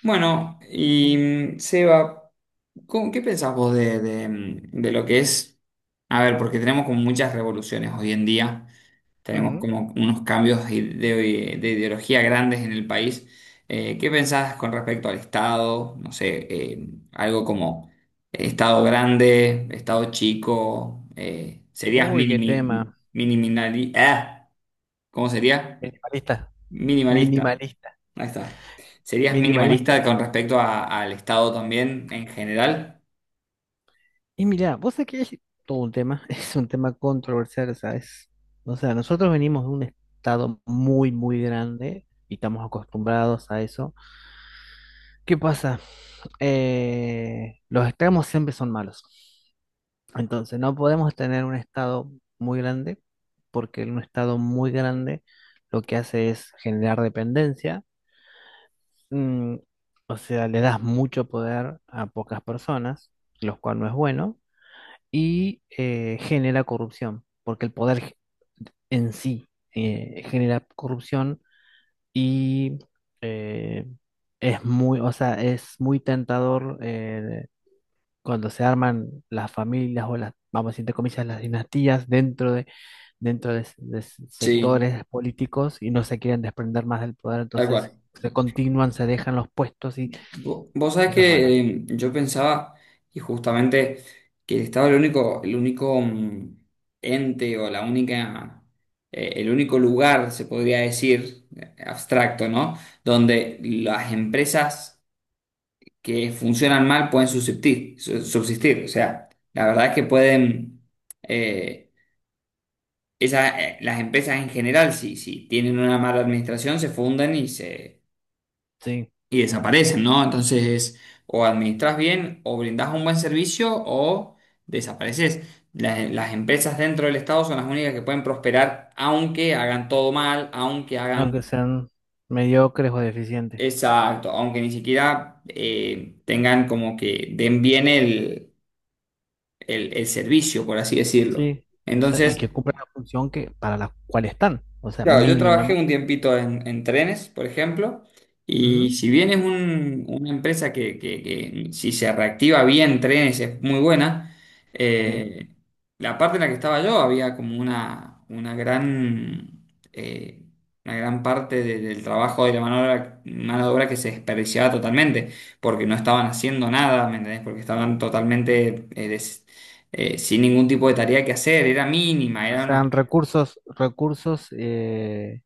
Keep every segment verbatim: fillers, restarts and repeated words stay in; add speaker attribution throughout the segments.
Speaker 1: Bueno, y mm, Seba, ¿cómo- qué pensás vos de, de, mm, de lo que es? A ver, porque tenemos como muchas revoluciones hoy en día, tenemos
Speaker 2: Ujú.
Speaker 1: como unos cambios de, de- de ideología grandes en el país. Eh, ¿qué pensás con respecto al Estado? No sé, eh, algo como Estado grande, Estado chico, eh, ¿serías
Speaker 2: Uy, qué
Speaker 1: minimi,
Speaker 2: tema.
Speaker 1: miniminali- ah, ¿Cómo sería?
Speaker 2: Minimalista,
Speaker 1: Minimalista.
Speaker 2: minimalista,
Speaker 1: Ahí está. ¿Serías minimalista
Speaker 2: minimalista.
Speaker 1: con respecto a- al Estado también en general?
Speaker 2: Y mira, vos sabés que es todo un tema, es un tema controversial, ¿sabes? O sea, nosotros venimos de un estado muy, muy grande y estamos acostumbrados a eso. ¿Qué pasa? Eh, los extremos siempre son malos. Entonces, no podemos tener un estado muy grande porque un estado muy grande lo que hace es generar dependencia. mm, o sea, le das mucho poder a pocas personas, lo cual no es bueno, y eh, genera corrupción, porque el poder ge- en sí eh, genera corrupción y eh, es muy, o sea, es muy tentador eh, cuando se arman las familias o las, vamos a decir, entre comillas, las dinastías dentro de dentro de, de
Speaker 1: Sí,
Speaker 2: sectores políticos y no se quieren desprender más del poder,
Speaker 1: tal
Speaker 2: entonces
Speaker 1: cual.
Speaker 2: se continúan, se dejan los puestos y
Speaker 1: Vo- Vos sabés
Speaker 2: eso es malo.
Speaker 1: que eh, yo pensaba, y justamente, que el Estado es el único, el único mm, ente o la única, eh, el único lugar, se podría decir, eh, abstracto, ¿no? Donde las empresas que funcionan mal pueden subsistir, su- subsistir. O sea, la verdad es que pueden. eh, Esa, eh, las empresas en general, si, si tienen una mala administración, se funden y se
Speaker 2: Sí,
Speaker 1: y desaparecen, ¿no? Entonces, o administras bien, o brindás un buen servicio, o desapareces. Las, las empresas dentro del Estado son las únicas que pueden prosperar, aunque hagan todo mal, aunque hagan.
Speaker 2: aunque sean mediocres o deficientes.
Speaker 1: Exacto. Aunque ni siquiera eh, tengan como que den bien el, el, el servicio, por así decirlo.
Speaker 2: Sí, o sea, y
Speaker 1: Entonces,
Speaker 2: que cumplan la función que para la cual están, o sea,
Speaker 1: Claro, yo trabajé un
Speaker 2: mínimamente.
Speaker 1: tiempito en, en trenes, por ejemplo, y
Speaker 2: Ujú,
Speaker 1: si bien es un- una empresa que, que- que si se reactiva bien trenes es muy buena.
Speaker 2: sí.
Speaker 1: eh, la parte en la que estaba yo había como una, una gran, eh, una gran parte de- del trabajo de la mano de obra, mano de obra que se desperdiciaba totalmente, porque no estaban haciendo nada, ¿me entendés? Porque estaban totalmente eh, des- eh, sin ningún tipo de tarea que hacer, era mínima,
Speaker 2: O
Speaker 1: eran
Speaker 2: sea,
Speaker 1: unas-
Speaker 2: recursos, recursos, eh,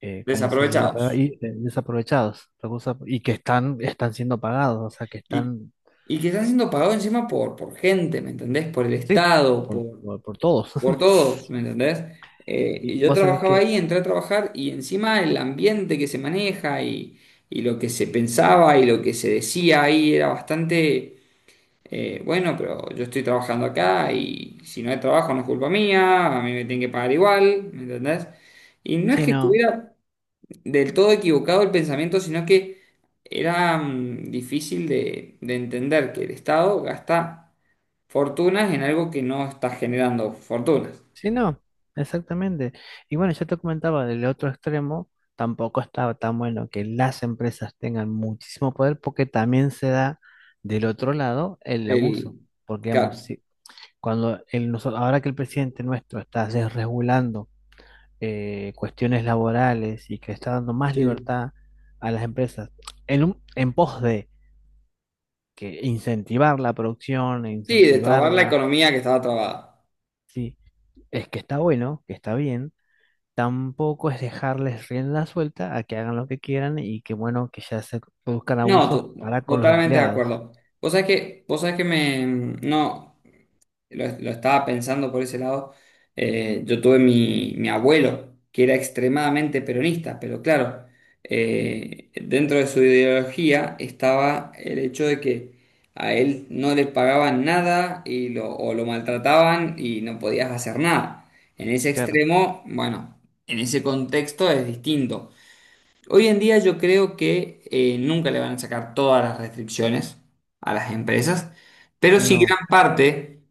Speaker 2: eh, ¿cómo se dice la palabra?
Speaker 1: desaprovechados.
Speaker 2: Y, eh, desaprovechados, recursos, y que están, están siendo pagados, o sea, que
Speaker 1: Y,
Speaker 2: están,
Speaker 1: y que están siendo pagados encima por, por gente, ¿me entendés? Por el
Speaker 2: sí,
Speaker 1: Estado,
Speaker 2: por,
Speaker 1: por,
Speaker 2: por, por todos.
Speaker 1: por todos, ¿me entendés? Eh, y
Speaker 2: Y
Speaker 1: yo
Speaker 2: vos sabés
Speaker 1: trabajaba
Speaker 2: que
Speaker 1: ahí, entré a trabajar y encima el ambiente que se maneja y, y lo que se pensaba y lo que se decía ahí era bastante, eh, bueno, pero yo estoy trabajando acá y si no hay trabajo no es culpa mía, a mí me tienen que pagar igual, ¿me entendés? Y no es
Speaker 2: sí,
Speaker 1: que
Speaker 2: no,
Speaker 1: estuviera del todo equivocado el pensamiento, sino que era mm, difícil de, de entender que el Estado gasta fortunas en algo que no está generando fortunas.
Speaker 2: sí, no, exactamente. Y bueno, yo te comentaba del otro extremo, tampoco estaba tan bueno que las empresas tengan muchísimo poder porque también se da del otro lado el abuso.
Speaker 1: El,
Speaker 2: Porque digamos,
Speaker 1: claro.
Speaker 2: si- cuando el, noso- ahora que el presidente nuestro está desregulando eh, cuestiones laborales y que está dando más
Speaker 1: Sí.
Speaker 2: libertad a las empresas en, un- en pos de que incentivar la producción, e
Speaker 1: Sí, destrabar la
Speaker 2: incentivarla,
Speaker 1: economía que estaba trabada.
Speaker 2: sí, es que está bueno, que está bien. Tampoco es dejarles rienda suelta a que hagan lo que quieran y que bueno, que ya se produzcan
Speaker 1: No,
Speaker 2: abusos
Speaker 1: to-
Speaker 2: para con los
Speaker 1: totalmente de
Speaker 2: empleados.
Speaker 1: acuerdo. Vos sabés que, vos sabés que me, mm, no, lo, lo estaba pensando por ese lado. Eh, yo tuve mi, mi abuelo, que era extremadamente peronista, pero claro, eh, dentro de su ideología estaba el hecho de que a él no le pagaban nada y lo, o lo maltrataban y no podías hacer nada. En ese
Speaker 2: Claro,
Speaker 1: extremo, bueno, en ese contexto es distinto. Hoy en día yo creo que eh, nunca le van a sacar todas las restricciones a las empresas, pero sí
Speaker 2: no.
Speaker 1: gran parte,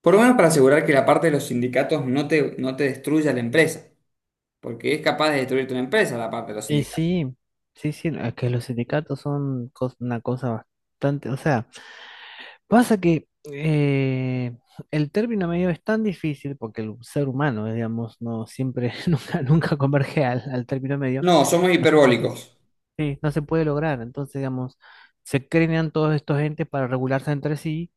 Speaker 1: por lo menos para asegurar que la parte de los sindicatos no te, no te destruya la empresa, porque es capaz de destruirte una empresa la parte de los
Speaker 2: Y
Speaker 1: sindicatos.
Speaker 2: sí, sí, sí, es que los sindicatos son cos- una cosa bastante, o sea, pasa que eh, el término medio es tan difícil porque el ser humano, eh, digamos, no siempre, nunca, nunca converge al, al término medio,
Speaker 1: No, somos
Speaker 2: no se, no se-
Speaker 1: hiperbólicos.
Speaker 2: sí, no se puede lograr. Entonces, digamos, se crean todos estos entes para regularse entre sí.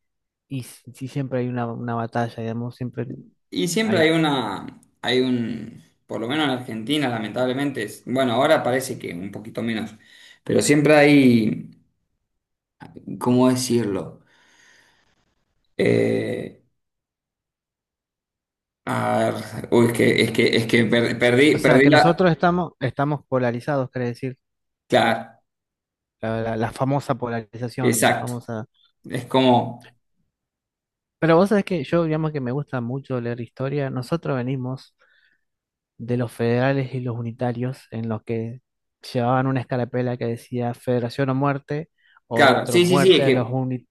Speaker 2: Y si si siempre hay una, una batalla, digamos, siempre
Speaker 1: Y siempre hay
Speaker 2: hay...
Speaker 1: una, hay un, por lo menos en Argentina, lamentablemente, es- bueno, ahora parece que un poquito menos, pero siempre hay, ¿cómo decirlo? Eh, a ver, uy, es que, es que, es que per-
Speaker 2: O
Speaker 1: perdí,
Speaker 2: sea,
Speaker 1: perdí
Speaker 2: que
Speaker 1: la.
Speaker 2: nosotros estamos, estamos polarizados, quiere decir,
Speaker 1: Claro,
Speaker 2: la, la- la famosa polarización, la
Speaker 1: exacto.
Speaker 2: famosa...
Speaker 1: Es como,
Speaker 2: Pero vos sabés que yo, digamos que me gusta mucho leer historia, nosotros venimos de los federales y los unitarios, en los que llevaban una escarapela que decía Federación o muerte, o
Speaker 1: claro,
Speaker 2: otro
Speaker 1: sí, sí, sí, es
Speaker 2: muerte a los
Speaker 1: que.
Speaker 2: unitarios.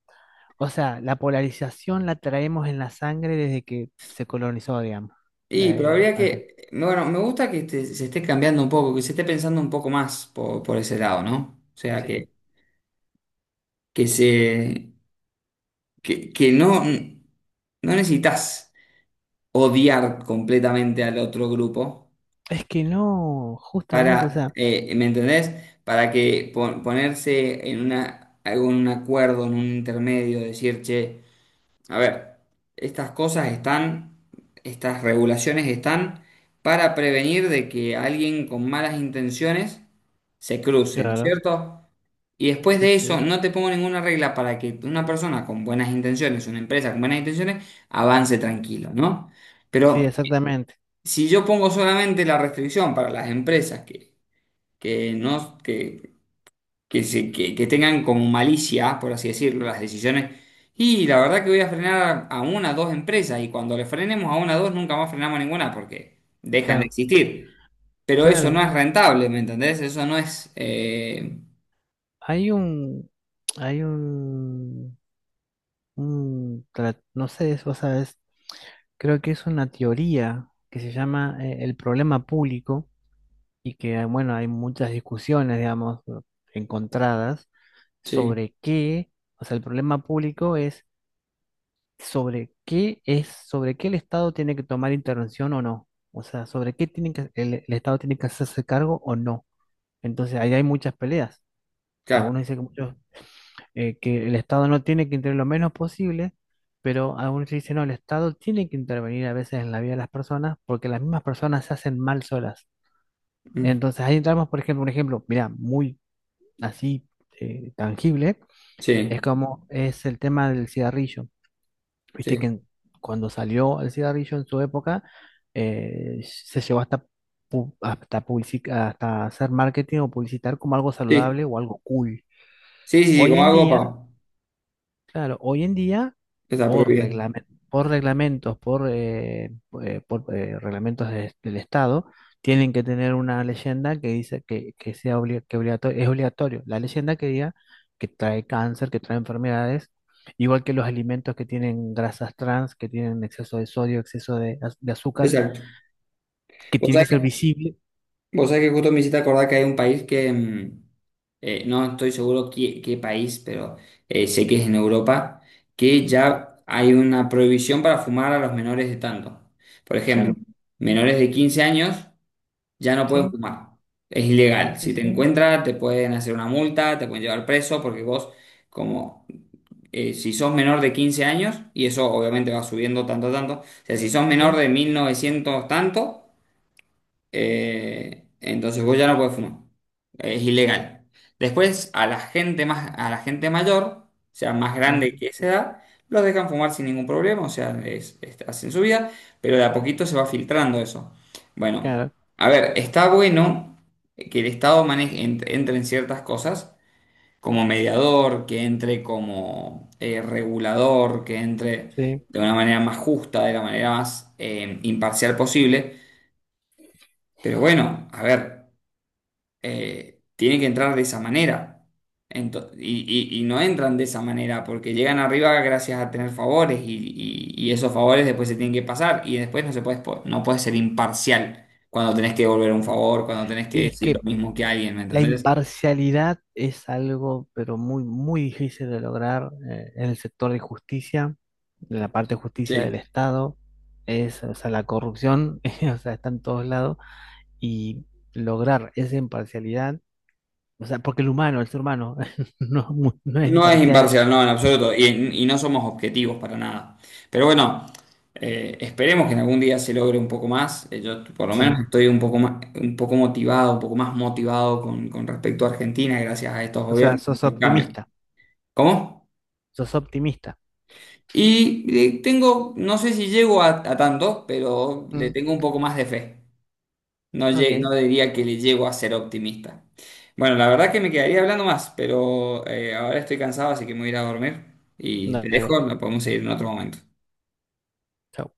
Speaker 2: O sea, la polarización la traemos en la sangre desde que se colonizó, digamos,
Speaker 1: Y, pero
Speaker 2: eh,
Speaker 1: habría que, bueno, me gusta que este- se esté cambiando un poco, que se esté pensando un poco más por, por ese lado, ¿no? O sea,
Speaker 2: Argentina.
Speaker 1: que, que se, que, que no, no necesitas odiar completamente al otro grupo
Speaker 2: Es que no, justamente, o
Speaker 1: para,
Speaker 2: sea,
Speaker 1: eh, ¿me entendés? Para que po- ponerse en una, algún acuerdo, en un intermedio, decir, che, a ver, estas cosas están, estas regulaciones están para prevenir de que alguien con malas intenciones se cruce, ¿no es
Speaker 2: claro,
Speaker 1: cierto? Y después
Speaker 2: sí,
Speaker 1: de eso,
Speaker 2: sí,
Speaker 1: no te pongo ninguna regla para que una persona con buenas intenciones, una empresa con buenas intenciones, avance tranquilo, ¿no?
Speaker 2: sí,
Speaker 1: Pero
Speaker 2: exactamente,
Speaker 1: si yo pongo solamente la restricción para las empresas que, que no, que que, se- que, que tengan como malicia, por así decirlo, las decisiones. Y la verdad que voy a frenar a una o dos empresas y cuando le frenemos a una o dos nunca más frenamos ninguna porque dejan de
Speaker 2: claro,
Speaker 1: existir. Pero eso no
Speaker 2: claro,
Speaker 1: es rentable, ¿me entendés? Eso no es... eh,
Speaker 2: hay un, hay un, un tra- no sé, eso, sabes, creo que es una teoría que se llama eh, el problema público y que, ah, bueno, hay muchas discusiones, digamos, encontradas
Speaker 1: Sí,
Speaker 2: sobre qué, o sea, el problema público es sobre qué es, sobre qué el Estado tiene que tomar intervención o no. O sea, sobre qué tiene que, el, el Estado tiene que hacerse cargo o no. Entonces, ahí hay muchas peleas.
Speaker 1: claro.
Speaker 2: Algunos dicen que, muchos, eh, que el Estado no tiene que intervenir lo menos posible, pero algunos dicen, no, el Estado tiene que intervenir a veces en la vida de las personas porque las mismas personas se hacen mal solas.
Speaker 1: Mm,
Speaker 2: Entonces, ahí entramos, por ejemplo, un ejemplo, mira, muy así eh, tangible, es
Speaker 1: sí,
Speaker 2: como es el tema del cigarrillo. Viste
Speaker 1: sí,
Speaker 2: que en- cuando salió el cigarrillo en su época, eh, se llevó hasta, pu- hasta, publici- hasta hacer marketing o publicitar como algo
Speaker 1: sí.
Speaker 2: saludable o algo cool.
Speaker 1: Sí, sí, sí,
Speaker 2: Hoy
Speaker 1: como
Speaker 2: en
Speaker 1: algo
Speaker 2: día,
Speaker 1: para...
Speaker 2: claro, hoy en día,
Speaker 1: Está
Speaker 2: por
Speaker 1: prohibido.
Speaker 2: reglamen- por reglamentos, por, eh, eh, por, eh, reglamentos de- del Estado, tienen que tener una leyenda que dice que, que sea obli- que obligato- es obligatorio. La leyenda que diga que trae cáncer, que trae enfermedades, igual que los alimentos que tienen grasas trans, que tienen exceso de sodio, exceso de, az- de azúcar,
Speaker 1: Exacto.
Speaker 2: que
Speaker 1: O
Speaker 2: tiene
Speaker 1: sea,
Speaker 2: que ser visible.
Speaker 1: vos sabés que justo me hiciste acordar que hay un país que, mm, eh, no estoy seguro qué, qué país, pero eh, sé que es en Europa, que ya hay una prohibición para fumar a los menores de tanto. Por ejemplo,
Speaker 2: Claro,
Speaker 1: menores de quince años ya no pueden
Speaker 2: sí,
Speaker 1: fumar. Es ilegal.
Speaker 2: sí,
Speaker 1: Si te
Speaker 2: sí,
Speaker 1: encuentran, te pueden hacer una multa, te pueden llevar preso, porque vos, como eh, si sos menor de quince años, y eso obviamente va subiendo tanto, tanto, o sea, si sos menor
Speaker 2: sí,
Speaker 1: de mil novecientos tanto, eh, entonces vos ya no puedes fumar. Es ilegal. Después, a la gente más, a la gente mayor, o sea, más grande
Speaker 2: ujú,
Speaker 1: que esa edad, los dejan fumar sin ningún problema, o sea, es, es- hacen su vida, pero de a poquito se va filtrando eso. Bueno,
Speaker 2: claro,
Speaker 1: a ver, está bueno que el Estado maneje, ent- entre en ciertas cosas, como mediador, que entre como eh, regulador, que entre
Speaker 2: sí.
Speaker 1: de una manera más justa, de la manera más eh, imparcial posible. Pero bueno, a ver, eh, tiene que entrar de esa manera. Ento- y, y- y no entran de esa manera porque llegan arriba gracias a tener favores y, y- y esos favores después se tienen que pasar y después no se puede, no puedes ser imparcial cuando tenés que devolver un favor, cuando tenés que
Speaker 2: Y
Speaker 1: decir lo
Speaker 2: que
Speaker 1: mismo que alguien, ¿me
Speaker 2: la
Speaker 1: entendés?
Speaker 2: imparcialidad es algo, pero muy, muy difícil de lograr eh, en el sector de justicia, en la parte de justicia del
Speaker 1: Sí.
Speaker 2: Estado, es, o sea, la corrupción, o sea, está en todos lados, y lograr esa imparcialidad, o sea, porque el humano, el ser humano, no, es muy- no es
Speaker 1: No es
Speaker 2: imparcial,
Speaker 1: imparcial, no, en absoluto. Y, y no somos objetivos para nada. Pero bueno, eh, esperemos que en algún día se logre un poco más. Eh, yo por lo menos
Speaker 2: sí,
Speaker 1: estoy un poco más, un poco motivado, un poco más motivado con, con respecto a Argentina, gracias a estos
Speaker 2: o sea,
Speaker 1: gobiernos,
Speaker 2: sos
Speaker 1: estos cambios.
Speaker 2: optimista,
Speaker 1: ¿Cómo?
Speaker 2: sos optimista.
Speaker 1: Y eh, tengo, no sé si llego a, a tanto, pero le
Speaker 2: Mm,
Speaker 1: tengo un poco más de fe. No, lle-
Speaker 2: ok,
Speaker 1: no diría que le llego a ser optimista. Bueno, la verdad que me quedaría hablando más, pero eh, ahora estoy cansado, así que me voy a ir a dormir. Y te
Speaker 2: dale,
Speaker 1: dejo, lo podemos seguir en otro momento.
Speaker 2: chau.